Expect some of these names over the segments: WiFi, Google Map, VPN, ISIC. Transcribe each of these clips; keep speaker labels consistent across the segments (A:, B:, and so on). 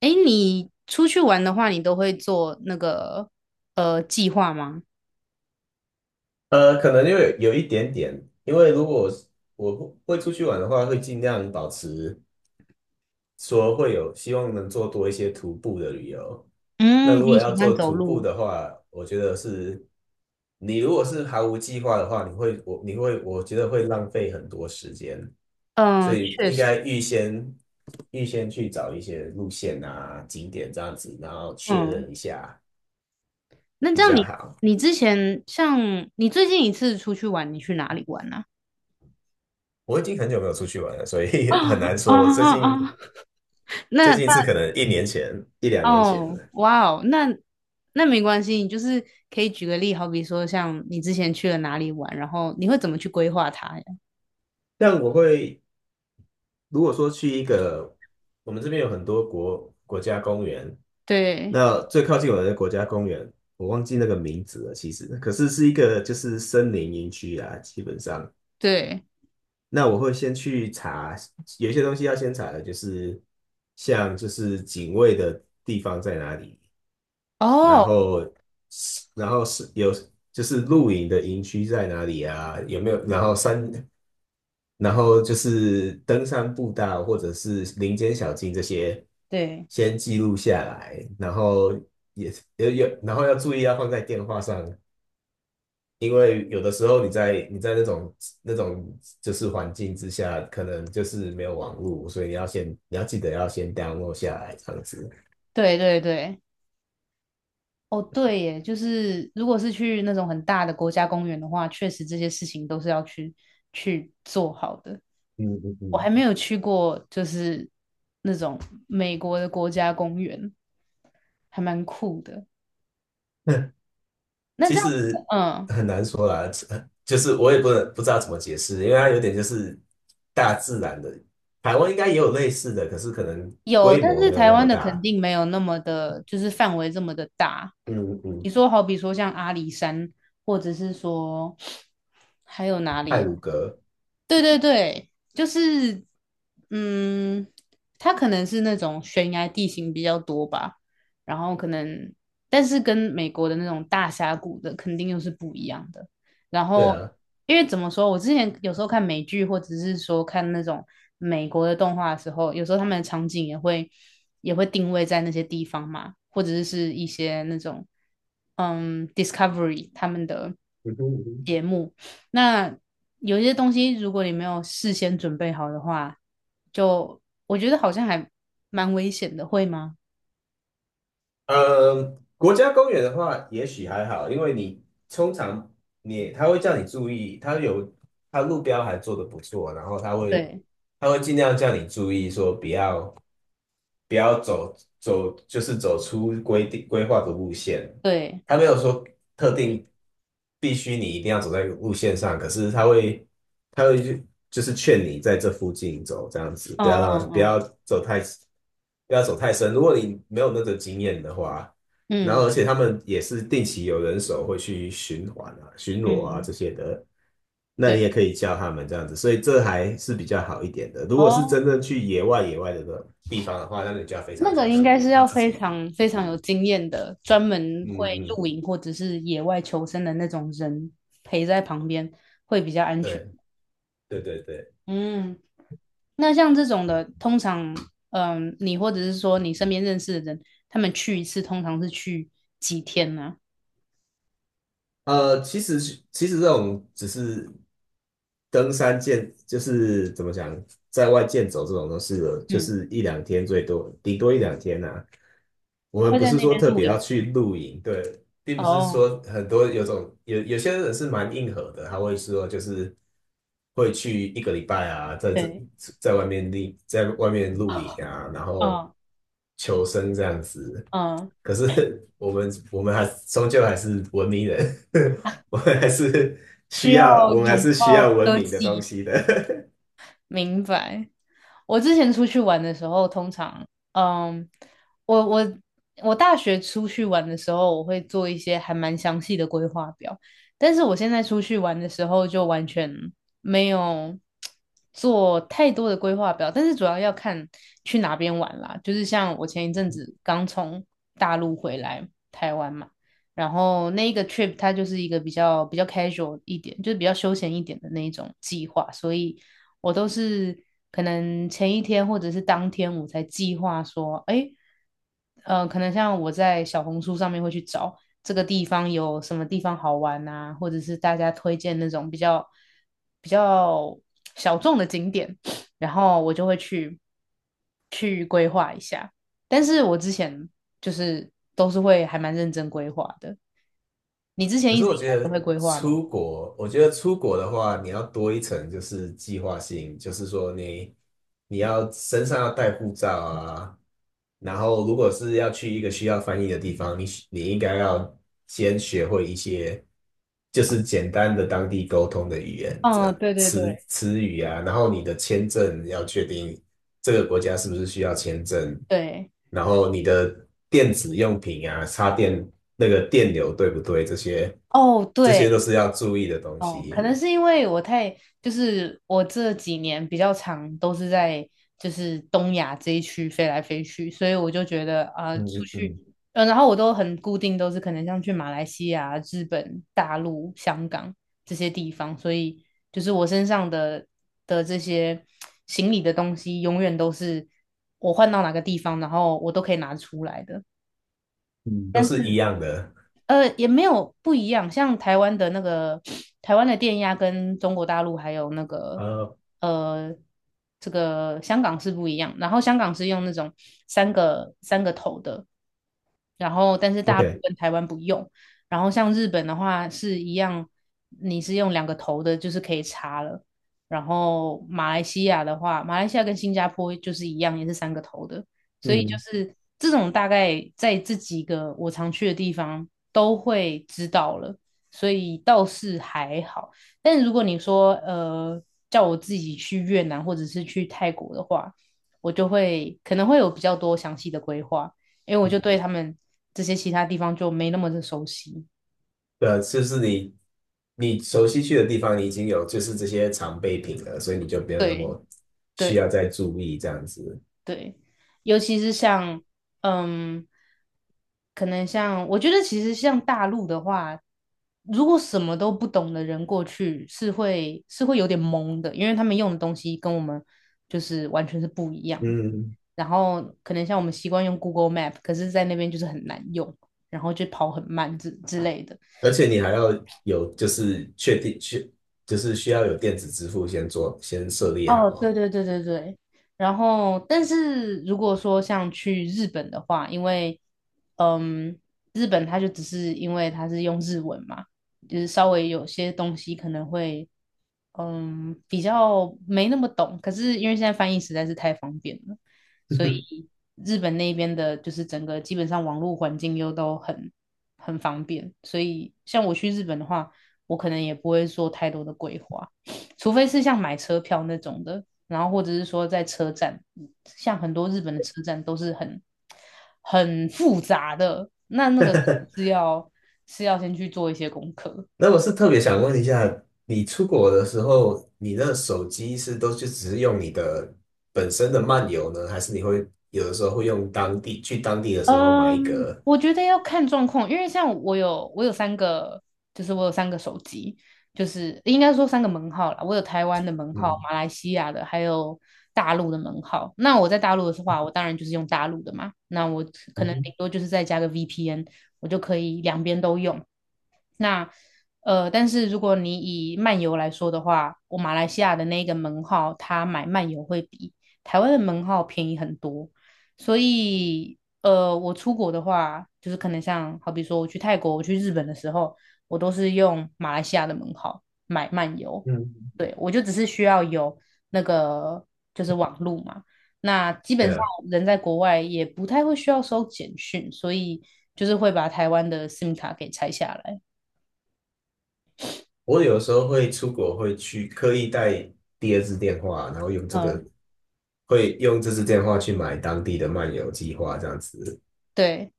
A: 哎，你出去玩的话，你都会做那个计划吗？
B: 可能因为有一点点，因为如果我不会出去玩的话，会尽量保持说会有希望能做多一些徒步的旅游。那
A: 嗯，
B: 如果
A: 你
B: 要
A: 喜欢
B: 做
A: 走
B: 徒步
A: 路？
B: 的话，我觉得是你如果是毫无计划的话，你会我你会我觉得会浪费很多时间，所
A: 嗯，
B: 以
A: 确
B: 应
A: 实，
B: 该预先去找一些路线啊、景点这样子，然后确
A: 嗯，
B: 认一下
A: 那
B: 比
A: 这样
B: 较
A: 你
B: 好。
A: 你之前像你最近一次出去玩，你去哪里玩呢？
B: 我已经很久没有出去玩了，所
A: 啊？
B: 以 很 难
A: 啊
B: 说。我最
A: 啊啊！
B: 近
A: 啊
B: 最
A: 那
B: 近是
A: 那
B: 可能一年前、一两年前
A: 哦，
B: 了。
A: 哇哦，那没关系，你就是可以举个例，好比说像你之前去了哪里玩，然后你会怎么去规划它呀？
B: 但我会，如果说去一个，我们这边有很多国家公园，
A: 对
B: 那最靠近我的国家公园，我忘记那个名字了，其实，可是是一个就是森林营区啊，基本上。
A: 对。
B: 那我会先去查，有一些东西要先查的，就是像就是警卫的地方在哪里，然
A: 哦，
B: 后然后是有就是露营的营区在哪里啊？有没有？然后然后就是登山步道或者是林间小径这些，
A: 对
B: 先记录下来，然后也有，然后要注意要放在电话上，因为有的时候你在那种就是环境之下，可能就是没有网络，所以你要记得要先 download 下来这样子。
A: 对对对。哦，对耶，就是如果是去那种很大的国家公园的话，确实这些事情都是要去做好的。
B: 嗯嗯
A: 我
B: 嗯。
A: 还没有去过，就是那种美国的国家公园，还蛮酷的。那
B: 其
A: 这样，
B: 实
A: 嗯，
B: 很难说啦，就是我也不知道怎么解释，因为它有点就是大自然的。台湾应该也有类似的，可是可能
A: 有，
B: 规
A: 但
B: 模
A: 是
B: 没有
A: 台
B: 那么
A: 湾的肯
B: 大。
A: 定没有那么的，就是范围这么的大。
B: 嗯嗯。
A: 你说，好比说像阿里山，或者是说还有哪里
B: 太
A: 啊。
B: 鲁阁。
A: 对对对，就是，嗯，它可能是那种悬崖地形比较多吧，然后可能，但是跟美国的那种大峡谷的肯定又是不一样的。然
B: 对
A: 后，
B: 啊。
A: 因为怎么说，我之前有时候看美剧或者是说看那种美国的动画的时候，有时候他们的场景也会定位在那些地方嘛，或者是一些那种，嗯，Discovery 他们的。
B: 嗯哼嗯哼。
A: 目。那有些东西，如果你没有事先准备好的话，就我觉得好像还蛮危险的，会吗？
B: 呃国家公园的话，也许还好，因为你通常他会叫你注意，他路标还做得不错，然后他会
A: 对
B: 他会尽量叫你注意说不要。不要走，就是走出规划的路线。
A: 对，
B: 他没有说特定必须你一定要走在路线上，可是他会就是劝你在这附近走，这样子，
A: 嗯嗯
B: 走太不要走太深。如果你没有那个经验的话，然
A: 嗯
B: 后而且他们也是定期有人手会去巡环啊、巡逻啊
A: 嗯
B: 这
A: 嗯，
B: 些的，那你
A: 对。
B: 也可以叫他们这样子，所以这还是比较好一点的。如果是
A: 哦，
B: 真正去野外的地方的话，那你就要非常
A: 那个
B: 小
A: 应
B: 心
A: 该
B: 了，
A: 是
B: 要
A: 要
B: 自
A: 非
B: 己
A: 常
B: 注
A: 非常有
B: 意。
A: 经验的，专门会
B: 嗯嗯。
A: 露营或者是野外求生的那种人陪在旁边会比较安全。
B: 对对对对。
A: 嗯，那像这种的，通常，嗯，你或者是说你身边认识的人，他们去一次通常是去几天呢？
B: 呃，其实其实这种只是登山健，就是怎么讲，在外健走这种都是就
A: 嗯，
B: 是一两天最多，顶多一两天呐、我们
A: 会
B: 不
A: 在
B: 是
A: 那
B: 说
A: 边
B: 特
A: 露
B: 别要
A: 营。
B: 去露营，对，并不是
A: 哦，
B: 说很多有种有有些人是蛮硬核的，他会说就是会去一个礼拜啊，
A: 对，
B: 在外面露营啊，然后
A: 嗯
B: 求生这样子。
A: 嗯，
B: 可是 我们还终究还是文明人，我们还是
A: 需要
B: 我们还
A: 拥
B: 是需要
A: 抱
B: 文
A: 科
B: 明的东
A: 技。
B: 西的。
A: 明白。我之前出去玩的时候，通常，嗯，我我我大学出去玩的时候，我会做一些还蛮详细的规划表，但是我现在出去玩的时候，就完全没有做太多的规划表，但是主要要看去哪边玩啦。就是像我前一阵子刚从大陆回来台湾嘛，然后那一个 trip 它就是一个比较比较 casual 一点，就是比较休闲一点的那一种计划，所以我都是可能前一天或者是当天我才计划说，哎，可能像我在小红书上面会去找这个地方有什么地方好玩啊，或者是大家推荐那种比较比较小众的景点，然后我就会去规划一下。但是我之前就是都是会还蛮认真规划的。你之前
B: 可
A: 一
B: 是
A: 直以来都会规划吗？
B: 我觉得出国的话，你要多一层就是计划性，就是说你要身上要带护照啊，然后如果是要去一个需要翻译的地方，你应该要先学会一些就是简单的当地沟通的语言，这
A: 嗯，
B: 样
A: 对对
B: 词
A: 对
B: 词语啊，然后你的签证要确定这个国家是不是需要签证，
A: 对。
B: 然后你的电子用品啊，插电那个电流对不对？这些
A: 哦，
B: 这些都
A: 对，
B: 是要注意的东
A: 哦，可
B: 西。
A: 能是因为我太，就是我这几年比较长都是在就是东亚这一区飞来飞去，所以我就觉得啊，出
B: 嗯嗯
A: 去，
B: 嗯
A: 嗯，然后我都很固定，都是可能像去马来西亚、日本、大陆、香港这些地方，所以就是我身上的这些行李的东西，永远都是我换到哪个地方，然后我都可以拿出来的。
B: 嗯都
A: 但是。
B: 是一样的。
A: 也没有不一样，像台湾的那个台湾的电压跟中国大陆还有那个
B: 呃
A: 呃这个香港是不一样，然后香港是用那种三个头的，然后但是大陆
B: ，OK。
A: 跟台湾不用，然后像日本的话是一样，你是用两个头的，就是可以插了，然后马来西亚的话，马来西亚跟新加坡就是一样，也是三个头的，所以就
B: 嗯
A: 是这种大概在这几个我常去的地方都会知道了，所以倒是还好。但如果你说叫我自己去越南或者是去泰国的话，我就会可能会有比较多详细的规划，因为我就对
B: 嗯。
A: 他们这些其他地方就没那么的熟悉。
B: 对啊就是你熟悉去的地方，你已经有就是这些常备品了，所以你就不要那
A: 对
B: 么需要
A: 对。
B: 再注意这样子。
A: 对，尤其是像，嗯，可能像，我觉得其实像大陆的话，如果什么都不懂的人过去是会有点懵的，因为他们用的东西跟我们就是完全是不一样的。
B: 嗯
A: 然后可能像我们习惯用 Google Map，可是在那边就是很难用，然后就跑很慢之类的。
B: 而且你还要有就是确定确就是需要有电子支付先设立
A: 哦，对
B: 好。
A: 对对对对，然后，但是如果说像去日本的话，因为，嗯，日本它就只是因为它是用日文嘛，就是稍微有些东西可能会，嗯，比较没那么懂。可是因为现在翻译实在是太方便了，所以日本那边的就是整个基本上网络环境又都很方便，所以像我去日本的话，我可能也不会做太多的规划。除非是像买车票那种的，然后或者是说在车站，像很多日本的车站都是很复杂的，那那个 是要是要先去做一些功课。
B: 那我是特别想问一下，你出国的时候，你的手机是都就只是用你的本身的漫游呢，还是你会有的时候会用当地去当地的时候买一
A: 嗯，
B: 个？
A: 我觉得要看状况，因为像我有三个，就是我有三个手机，就是应该说三个门号啦。我有台湾的门号、
B: 嗯。
A: 马来西亚的，还有大陆的门号。那我在大陆的话，我当然就是用大陆的嘛。那我可
B: 嗯
A: 能顶
B: 哼。
A: 多就是再加个 VPN，我就可以两边都用。那但是如果你以漫游来说的话，我马来西亚的那个门号，它买漫游会比台湾的门号便宜很多。所以我出国的话，就是可能像好比说我去泰国、我去日本的时候，我都是用马来西亚的门号买漫游。
B: 嗯。
A: 对，我就只是需要有那个就是网路嘛。那基本
B: 对
A: 上
B: 啊。
A: 人在国外也不太会需要收简讯，所以就是会把台湾的 SIM 卡给拆下来。
B: 我有时候会出国会去刻意带第二支电话，然后
A: 嗯，
B: 用这支电话去买当地的漫游计划这样子。
A: 对，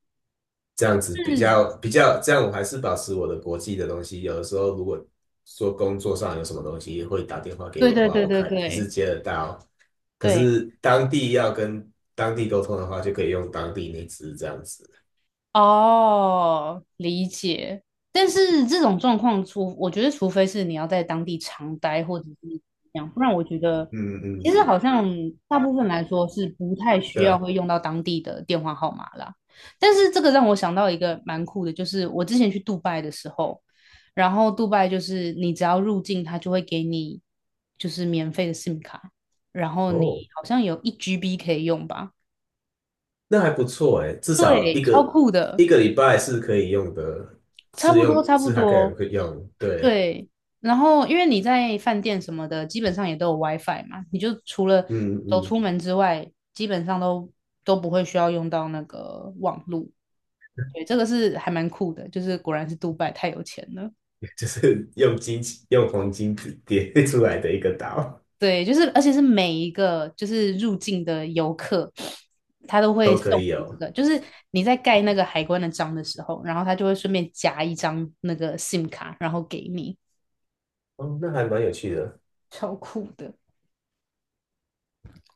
B: 这样子比
A: 嗯，
B: 较比较，这样我还是保持我的国际的东西。有的时候如果说工作上有什么东西会打电话给我
A: 对
B: 的
A: 对
B: 话，
A: 对
B: 我
A: 对
B: 看也是
A: 对
B: 接得到。可
A: 对，
B: 是当地要跟当地沟通的话，就可以用当地那支这样子。
A: 哦，理解。但是这种状况除，我觉得除非是你要在当地常待，或者是怎么样，不然我觉得
B: 嗯
A: 其
B: 嗯。
A: 实好像大部分来说是不太需
B: 对
A: 要
B: 啊。
A: 会用到当地的电话号码啦。但是这个让我想到一个蛮酷的，就是我之前去杜拜的时候，然后杜拜就是你只要入境，它就会给你就是免费的 SIM 卡，然后你
B: 哦，
A: 好像有一 GB 可以用吧？
B: 那还不错诶，至少一
A: 对，超
B: 个
A: 酷的，
B: 一个礼拜是可以用的，
A: 差
B: 是
A: 不多
B: 用
A: 差不
B: 是还可以
A: 多。
B: 可以用，对。
A: 对，然后因为你在饭店什么的，基本上也都有 WiFi 嘛，你就除了
B: 嗯
A: 走
B: 嗯。
A: 出门之外，基本上都不会需要用到那个网络。对，这个是还蛮酷的，就是果然是杜拜太有钱了。
B: 就是用黄金叠 出来的一个岛
A: 对，就是而且是每一个就是入境的游客，他都会
B: 都可
A: 送
B: 以
A: 你这
B: 有。
A: 个，就是你在盖那个海关的章的时候，然后他就会顺便夹一张那个 SIM 卡，然后给你，
B: 哦，那还蛮有趣的。
A: 超酷的。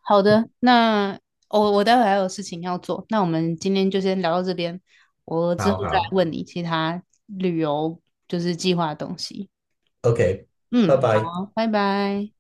A: 好的，那我待会还有事情要做，那我们今天就先聊到这边，我之后
B: 好
A: 再
B: 好
A: 问你其他旅游就是计划的东西。
B: ，OK。拜
A: 嗯，
B: 拜。
A: 好，拜拜。